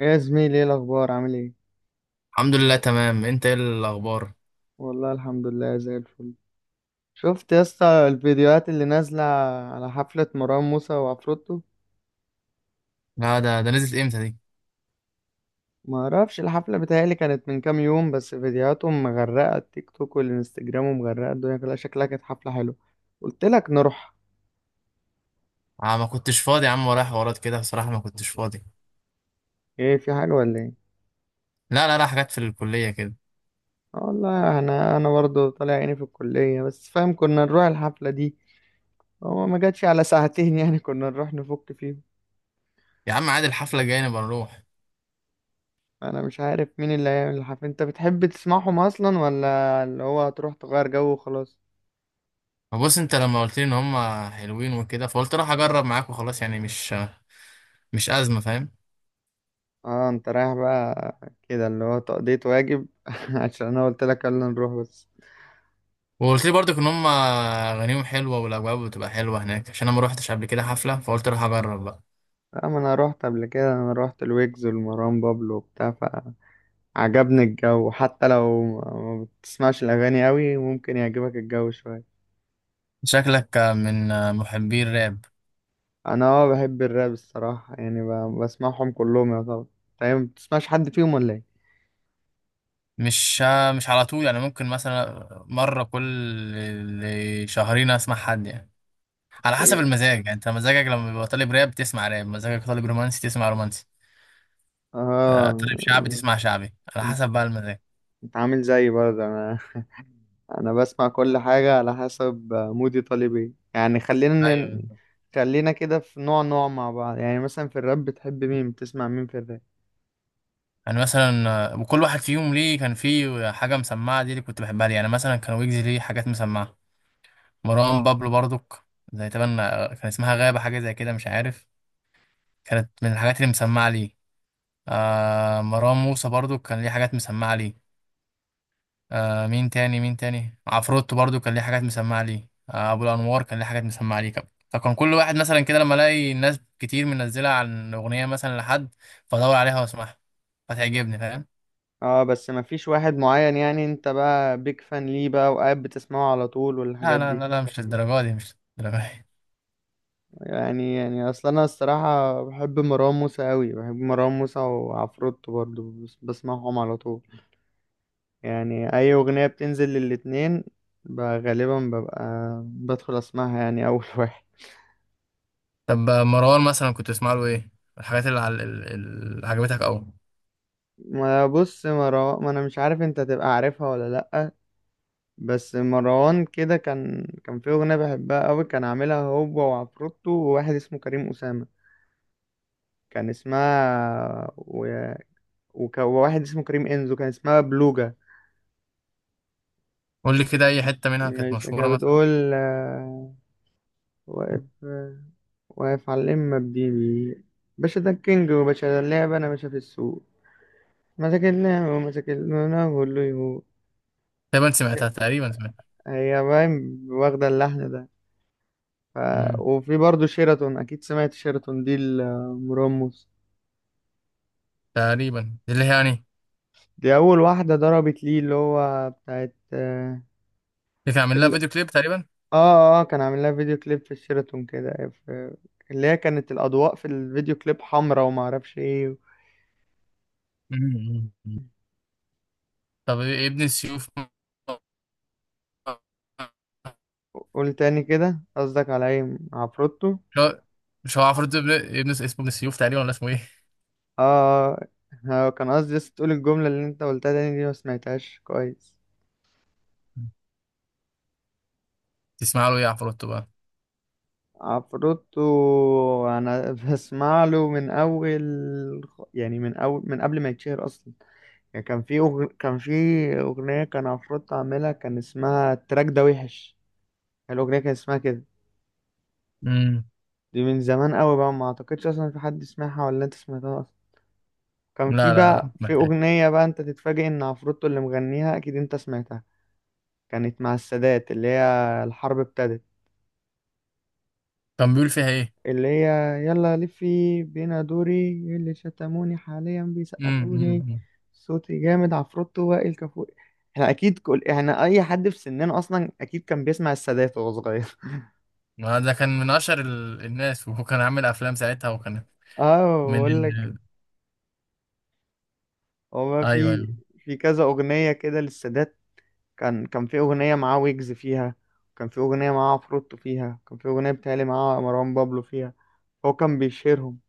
يا زميلي، ايه الاخبار؟ عامل ايه؟ الحمد لله تمام، انت ايه الاخبار؟ والله الحمد لله زي الفل. شفت يا اسطى الفيديوهات اللي نازله على حفله مروان موسى وعفروتو؟ لا، ده نزلت امتى دي؟ ما اعرفش، الحفله بتهيالي كانت من كام يوم، بس فيديوهاتهم مغرقه التيك توك والانستجرام ومغرقه الدنيا كلها. شكلها كانت حفله حلوه. قلت لك نروح. آه، ما كنتش فاضي يا عم، ورايا حوارات كده. بصراحه ما كنتش فاضي. ايه، في حاجه ولا ايه؟ لا، لا، لا، حاجات في الكليه كده. آه والله، انا برضه طالع عيني في الكليه، بس فاهم كنا نروح الحفله دي. هو ما جاتش على ساعتين يعني كنا نروح نفك فيهم. يا عم عادي، الحفله الجايه نبقى نروح. انا مش عارف مين اللي هيعمل الحفلة، انت بتحب تسمعهم اصلا ولا اللي هو هتروح تغير جو وخلاص؟ ما بص، انت لما قلت لي ان هم حلوين وكده، فقلت راح اجرب معاك وخلاص. يعني مش ازمه، فاهم؟ اه، انت رايح بقى كده اللي هو تقضية واجب عشان انا قلت لك يلا نروح بس. وقلت لي برضك ان هم اغانيهم حلوه، والاجواء بتبقى حلوه هناك، عشان انا ما روحتش قبل كده حفله، فقلت راح اجرب بقى. لا، ما انا روحت قبل كده، انا روحت الويجز والمروان بابلو وبتاع. فعجبني الجو، حتى لو ما بتسمعش الاغاني قوي ممكن يعجبك الجو شوية. شكلك من محبي الراب. انا بحب الراب الصراحة، يعني بسمعهم كلهم يا طبعا. طيب، ما بتسمعش حد فيهم ولا مش مش على طول، يعني ممكن مثلا مرة كل شهرين اسمع حد يعني، على حسب ايه؟ المزاج. يعني انت مزاجك لما بيبقى طالب راب تسمع راب، مزاجك طالب رومانسي تسمع رومانسي. آه، اه، طالب شعبي تسمع شعبي، على انت حسب بقى المزاج. انت عامل زيي برضه. انا انا بسمع كل حاجة على حسب مودي طالب ايه. يعني ايوه، بالظبط. خلينا كده في نوع نوع مع بعض. يعني مثلا في الراب بتحب مين، بتسمع مين في الراب؟ يعني مثلا وكل واحد فيهم ليه كان فيه حاجة مسمعة، دي اللي كنت بحبها ليه. يعني مثلا كان ويجز ليه حاجات مسمعة، مروان بابلو برضك، زي تبان كان اسمها غابة، حاجة زي كده مش عارف، كانت من الحاجات اللي مسمعة ليه. مروان موسى برضو كان ليه حاجات مسمعة ليه. مين تاني، مين تاني، عفروتو برضو كان ليه حاجات مسمعة ليه. أبو الأنوار كان ليه حاجات مسمعة ليه كمان. فكان كل واحد مثلا كده، لما ألاقي ناس كتير منزلة عن أغنية مثلا لحد، فأدور عليها وأسمعها فتعجبني، فاهم. اه، بس ما فيش واحد معين؟ يعني انت بقى بيك فان ليه بقى، وقاعد بتسمعه على طول لا، والحاجات لا، دي؟ لا، لا، مش للدرجة دي، مش للدرجة دي. يعني اصلا انا الصراحة بحب مروان موسى قوي، بحب مروان موسى وعفروتو برضه، بسمعهم على طول. يعني اي اغنية بتنزل للاتنين غالبا ببقى بدخل اسمعها يعني اول واحد. طب مروان مثلا كنت تسمع له إيه؟ الحاجات اللي, عل... ال- ال- اللي عجبتك أوي؟ ما بص، مروان، ما انا مش عارف انت تبقى عارفها ولا لأ، بس مروان كده كان في اغنية بحبها قوي. كان عاملها هو وعفروتو وواحد اسمه كريم أسامة. كان اسمها وواحد اسمه كريم انزو، كان اسمها بلوجا. قول لي كده أي حتة منها كانت مش كانت مشهورة مثلا. بتقول واقف، واقف على الإمة بديبي، باشا ده الكينج وباشا ده اللعبة، أنا باشا في السوق، ما تاكلنا وما تاكلنا وقول له يهو؟ تقريبا سمعتها، تقريبا سمعتها. هي باين واخدة اللحن ده. ف... مم. وفي برضه شيراتون، أكيد سمعت شيراتون دي المرمس. تقريبا دي اللي هي، يعني اللي دي أول واحدة ضربت ليه، اللي هو بتاعت كان عامل لها ال... فيديو كليب تقريبا. كان عامل لها فيديو كليب في الشيراتون كده اللي هي كانت الأضواء في الفيديو كليب حمرا وما أعرفش إيه. مم. طب إيه ابن السيوف؟ قول تاني كده، قصدك على إيه، عفروتو؟ مش هو مش هو عفروتو، ابن اسمه ابن السيوف تقريبا، ولا اسمه ايه؟ آه. كان قصدي بس تقول الجملة اللي أنت قلتها تاني، دي ما سمعتهاش كويس. تسمع له ايه عفروتو بقى؟ عفروتو انا بسمع له من اول، يعني من اول من قبل ما يتشهر اصلا. يعني كان في اغنيه كان عفروتو عاملها، كان اسمها التراك ده وحش. الاغنيه كان اسمها كده. امم. دي من زمان قوي بقى، ما اعتقدش اصلا في حد سمعها، ولا انت سمعتها اصلا؟ كان في لا، لا، لا، بقى في محتاج. اغنيه بقى انت تتفاجئ ان عفروتو اللي مغنيها، اكيد انت سمعتها. كانت مع السادات، اللي هي الحرب ابتدت. كان بيقول فيها ايه؟ اللي هي يلا لفي بينا دوري، إيه اللي شتموني حاليا امم. بيسقفولي، امم. صوتي جامد عفروتو وائل كفوري. احنا اكيد كل احنا، اي حد في سننا اصلا اكيد كان بيسمع السادات وهو صغير. ما ده كان من اشهر الناس، وهو كان عامل افلام ساعتها وكان اه، من بقول لك، ال... هو ايوه، ايوه. في كذا اغنيه كده للسادات. كان في اغنيه معاه ويجز فيها، كان في اغنيه معاه عفروتو فيها، كان في اغنيه بتهيألي معاه مروان بابلو فيها. هو كان بيشيرهم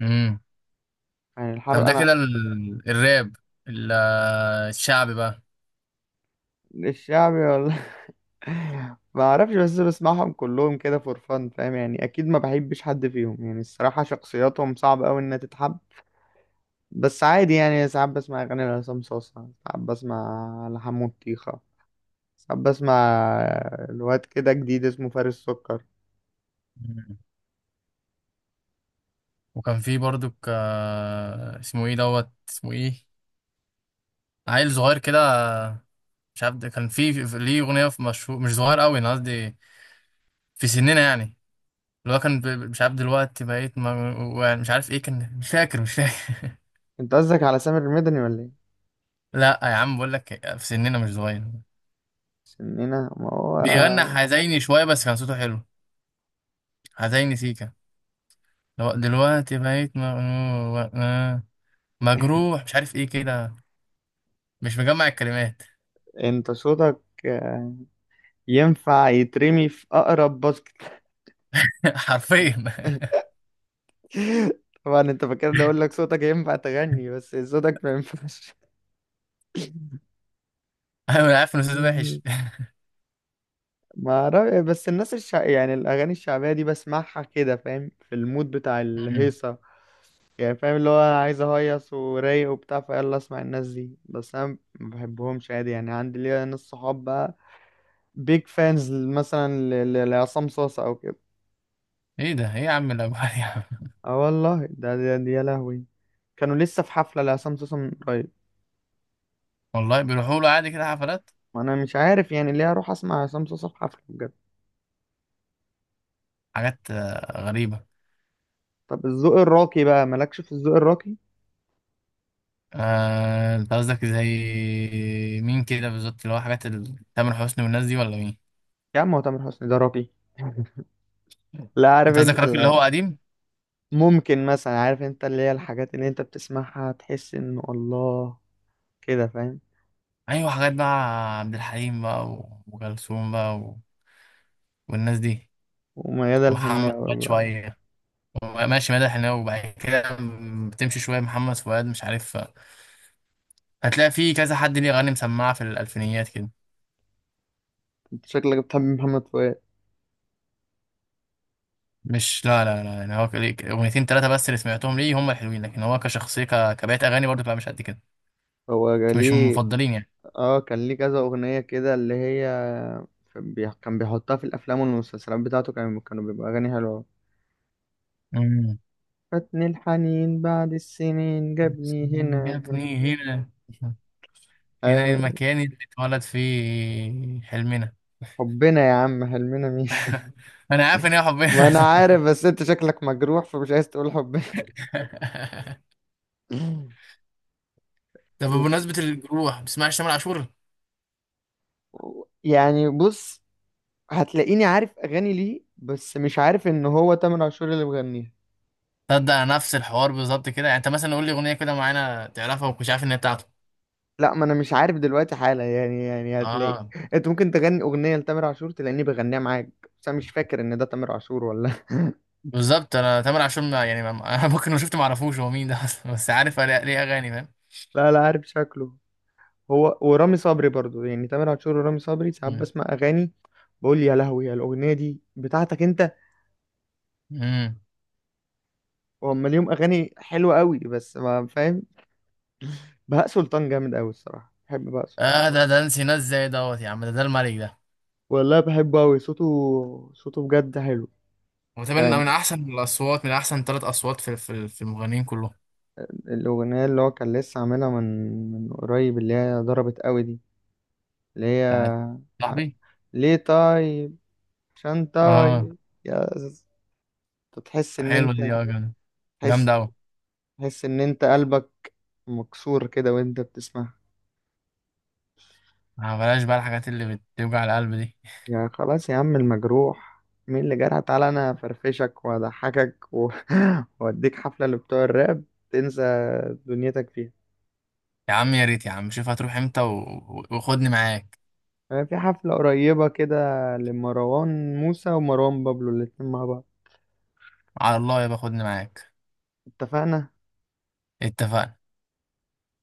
امم. يعني. طب الحر ده انا كده الراب، ال- الشعبي بقى. الشعبي ما اعرفش، بس بسمعهم كلهم كده فور فان، فاهم يعني؟ اكيد ما بحبش حد فيهم، يعني الصراحه شخصياتهم صعب قوي انها تتحب. بس عادي يعني، ساعات بسمع اغاني لعصام صاصا، ساعات بسمع لحمو الطيخه، ساعات بسمع الواد كده جديد اسمه فارس سكر. مم. وكان فيه برضو اسمه ايه، دوت، اسمه ايه؟ عيل صغير كده، مش عارف، ده كان ليه اغنيه، في مشهور، مش صغير قوي انا قصدي، في سننا يعني. اللي هو كان مش عارف، دلوقتي بقيت ما، يعني مش عارف ايه كان، مش فاكر، مش فاكر. انت قصدك على سامر المدني ولا ايه؟ لا يا عم، بقول لك في سننا، مش صغير. سننا، ما هو. بيغنى حزيني شويه، بس كان صوته حلو. حزيني سيكا. لو دلوقتي بقيت مجروح، مش عارف ايه كده، مش مجمع الكلمات. انت صوتك ينفع يترمي في اقرب باسكت. حرفيا طبعا انت فاكرني اقول لك صوتك ينفع تغني، بس صوتك ما ينفعش. انا عارف ان صوته وحش. ما أعرف- بس الناس يعني الاغاني الشعبيه دي بسمعها كده، فاهم؟ في المود بتاع الهيصه. يعني فاهم اللي هو انا عايز اهيص ورايق وبتاع، فيلا اسمع الناس دي، بس انا ما بحبهمش عادي. يعني عندي ليا ناس صحاب بقى بيج فانز مثلا لعصام صاصا او كده. ايه ده؟ ايه يا عم الاجوال يا عم؟ اه والله، ده يا لهوي، كانوا لسه في حفله لعصام صاصا من قريب. والله بيروحوا له عادي كده حفلات؟ وانا مش عارف يعني ليه اروح اسمع عصام صاصا في حفله بجد. حاجات غريبه. طب الذوق الراقي بقى، مالكش في الذوق الراقي؟ آه، انت قصدك زي مين كده بالظبط؟ اللي هو حاجات تامر حسني والناس دي، ولا مين؟ يا عم هو تامر حسني ده راقي؟ لا، عارف انت قصدك انت. الراجل اللي هو قديم. ممكن مثلا، عارف انت اللي هي الحاجات اللي انت بتسمعها تحس انه الله، كده فاهم؟ ايوه، حاجات بقى، عبد الحليم بقى و- وكلثوم بقى و... والناس دي، وميادة ومحمد الحناوي فؤاد بقى. شويه. ماشي، مدح الحناوي، وبعد كده بتمشي شويه محمد فؤاد، مش عارف، هتلاقي في كذا حد ليه اغاني مسمعه في الالفينيات كده. انت شكلك بتحب محمد فؤاد. مش لا، لا، لا، يعني هو ليه اغنيتين ثلاثه بس اللي سمعتهم ليه هم الحلوين، لكن هو كشخصيه كبقيه اغاني برضه بقى مش قد كده. هو مش من ليه. المفضلين. اه، كان ليه كذا اغنية كده اللي هي كان بيحطها في الافلام والمسلسلات بتاعته، كانوا بيبقى اغاني حلوة. يعني فاتني الحنين بعد السنين جابني هنا. جابني هنا، هنا ايوه. للمكان اللي اتولد فيه حلمنا. حبنا يا عم، حلمنا مين؟ انا عارف ان هي ما انا حبنا. عارف، بس انت شكلك مجروح فمش عايز تقول حبنا. طب وف- بمناسبة الجروح، ما بتسمعش تامر عاشور؟ يعني بص، هتلاقيني عارف اغاني ليه، بس مش عارف ان هو تامر عاشور اللي مغنيها. تصدق نفس الحوار بالظبط كده، يعني انت مثلا قول لي اغنية كده معينة تعرفها، ومش عارف ان هي بتاعته. لا، ما انا مش عارف دلوقتي حالا، يعني هتلاقي اه، انت ممكن تغني اغنيه لتامر عاشور تلاقيني بغنيها معاك، بس انا مش فاكر ان ده تامر عاشور ولا بالظبط، انا تامر عاشور ما يعني ما انا ممكن لو شفت ما اعرفوش هو مين ده اصلا، بس عارف ليه اغاني، فاهم. لا لا، عارف شكله. هو ورامي صبري برضو، يعني تامر عاشور ورامي صبري ساعات مم. بسمع اغاني، بقول يا لهوي، يا الاغنيه دي بتاعتك انت؟ مم. وهم ليهم اغاني حلوه قوي، بس ما فاهم. بهاء سلطان جامد قوي الصراحه، بحب بهاء سلطان. اه، ده نسي ناس زي دوت يا عم، ده الملك ده. والله بحبه قوي. صوته بجد حلو. وطبعا يعني من احسن الاصوات، من احسن 3 اصوات في المغنيين كلهم. الأغنية اللي هو كان لسه عاملها من قريب، اللي هي ضربت قوي دي، اللي هي بتاعت ع- صاحبي. ليه طيب؟ عشان اه، طيب يا ز- تحس إن حلوة دي. أنت، اه، جامدة، تحس جامدة أوي. تحس إن أنت قلبك مكسور كده وأنت بتسمعها. آه، بلاش بقى الحاجات اللي بتوجع القلب دي. يا خلاص يا عم، المجروح مين اللي جرح؟ تعالى أنا أفرفشك وأضحكك وأديك حفلة اللي بتوع الراب تنسى دنيتك فيها. يا عم يا ريت، يا عم شوف هتروح امتى وخدني معاك. أنا في حفلة قريبة كده لمروان موسى ومروان بابلو، الاتنين مع بعض. على الله يبقى خدني معاك. اتفقنا. اتفقنا.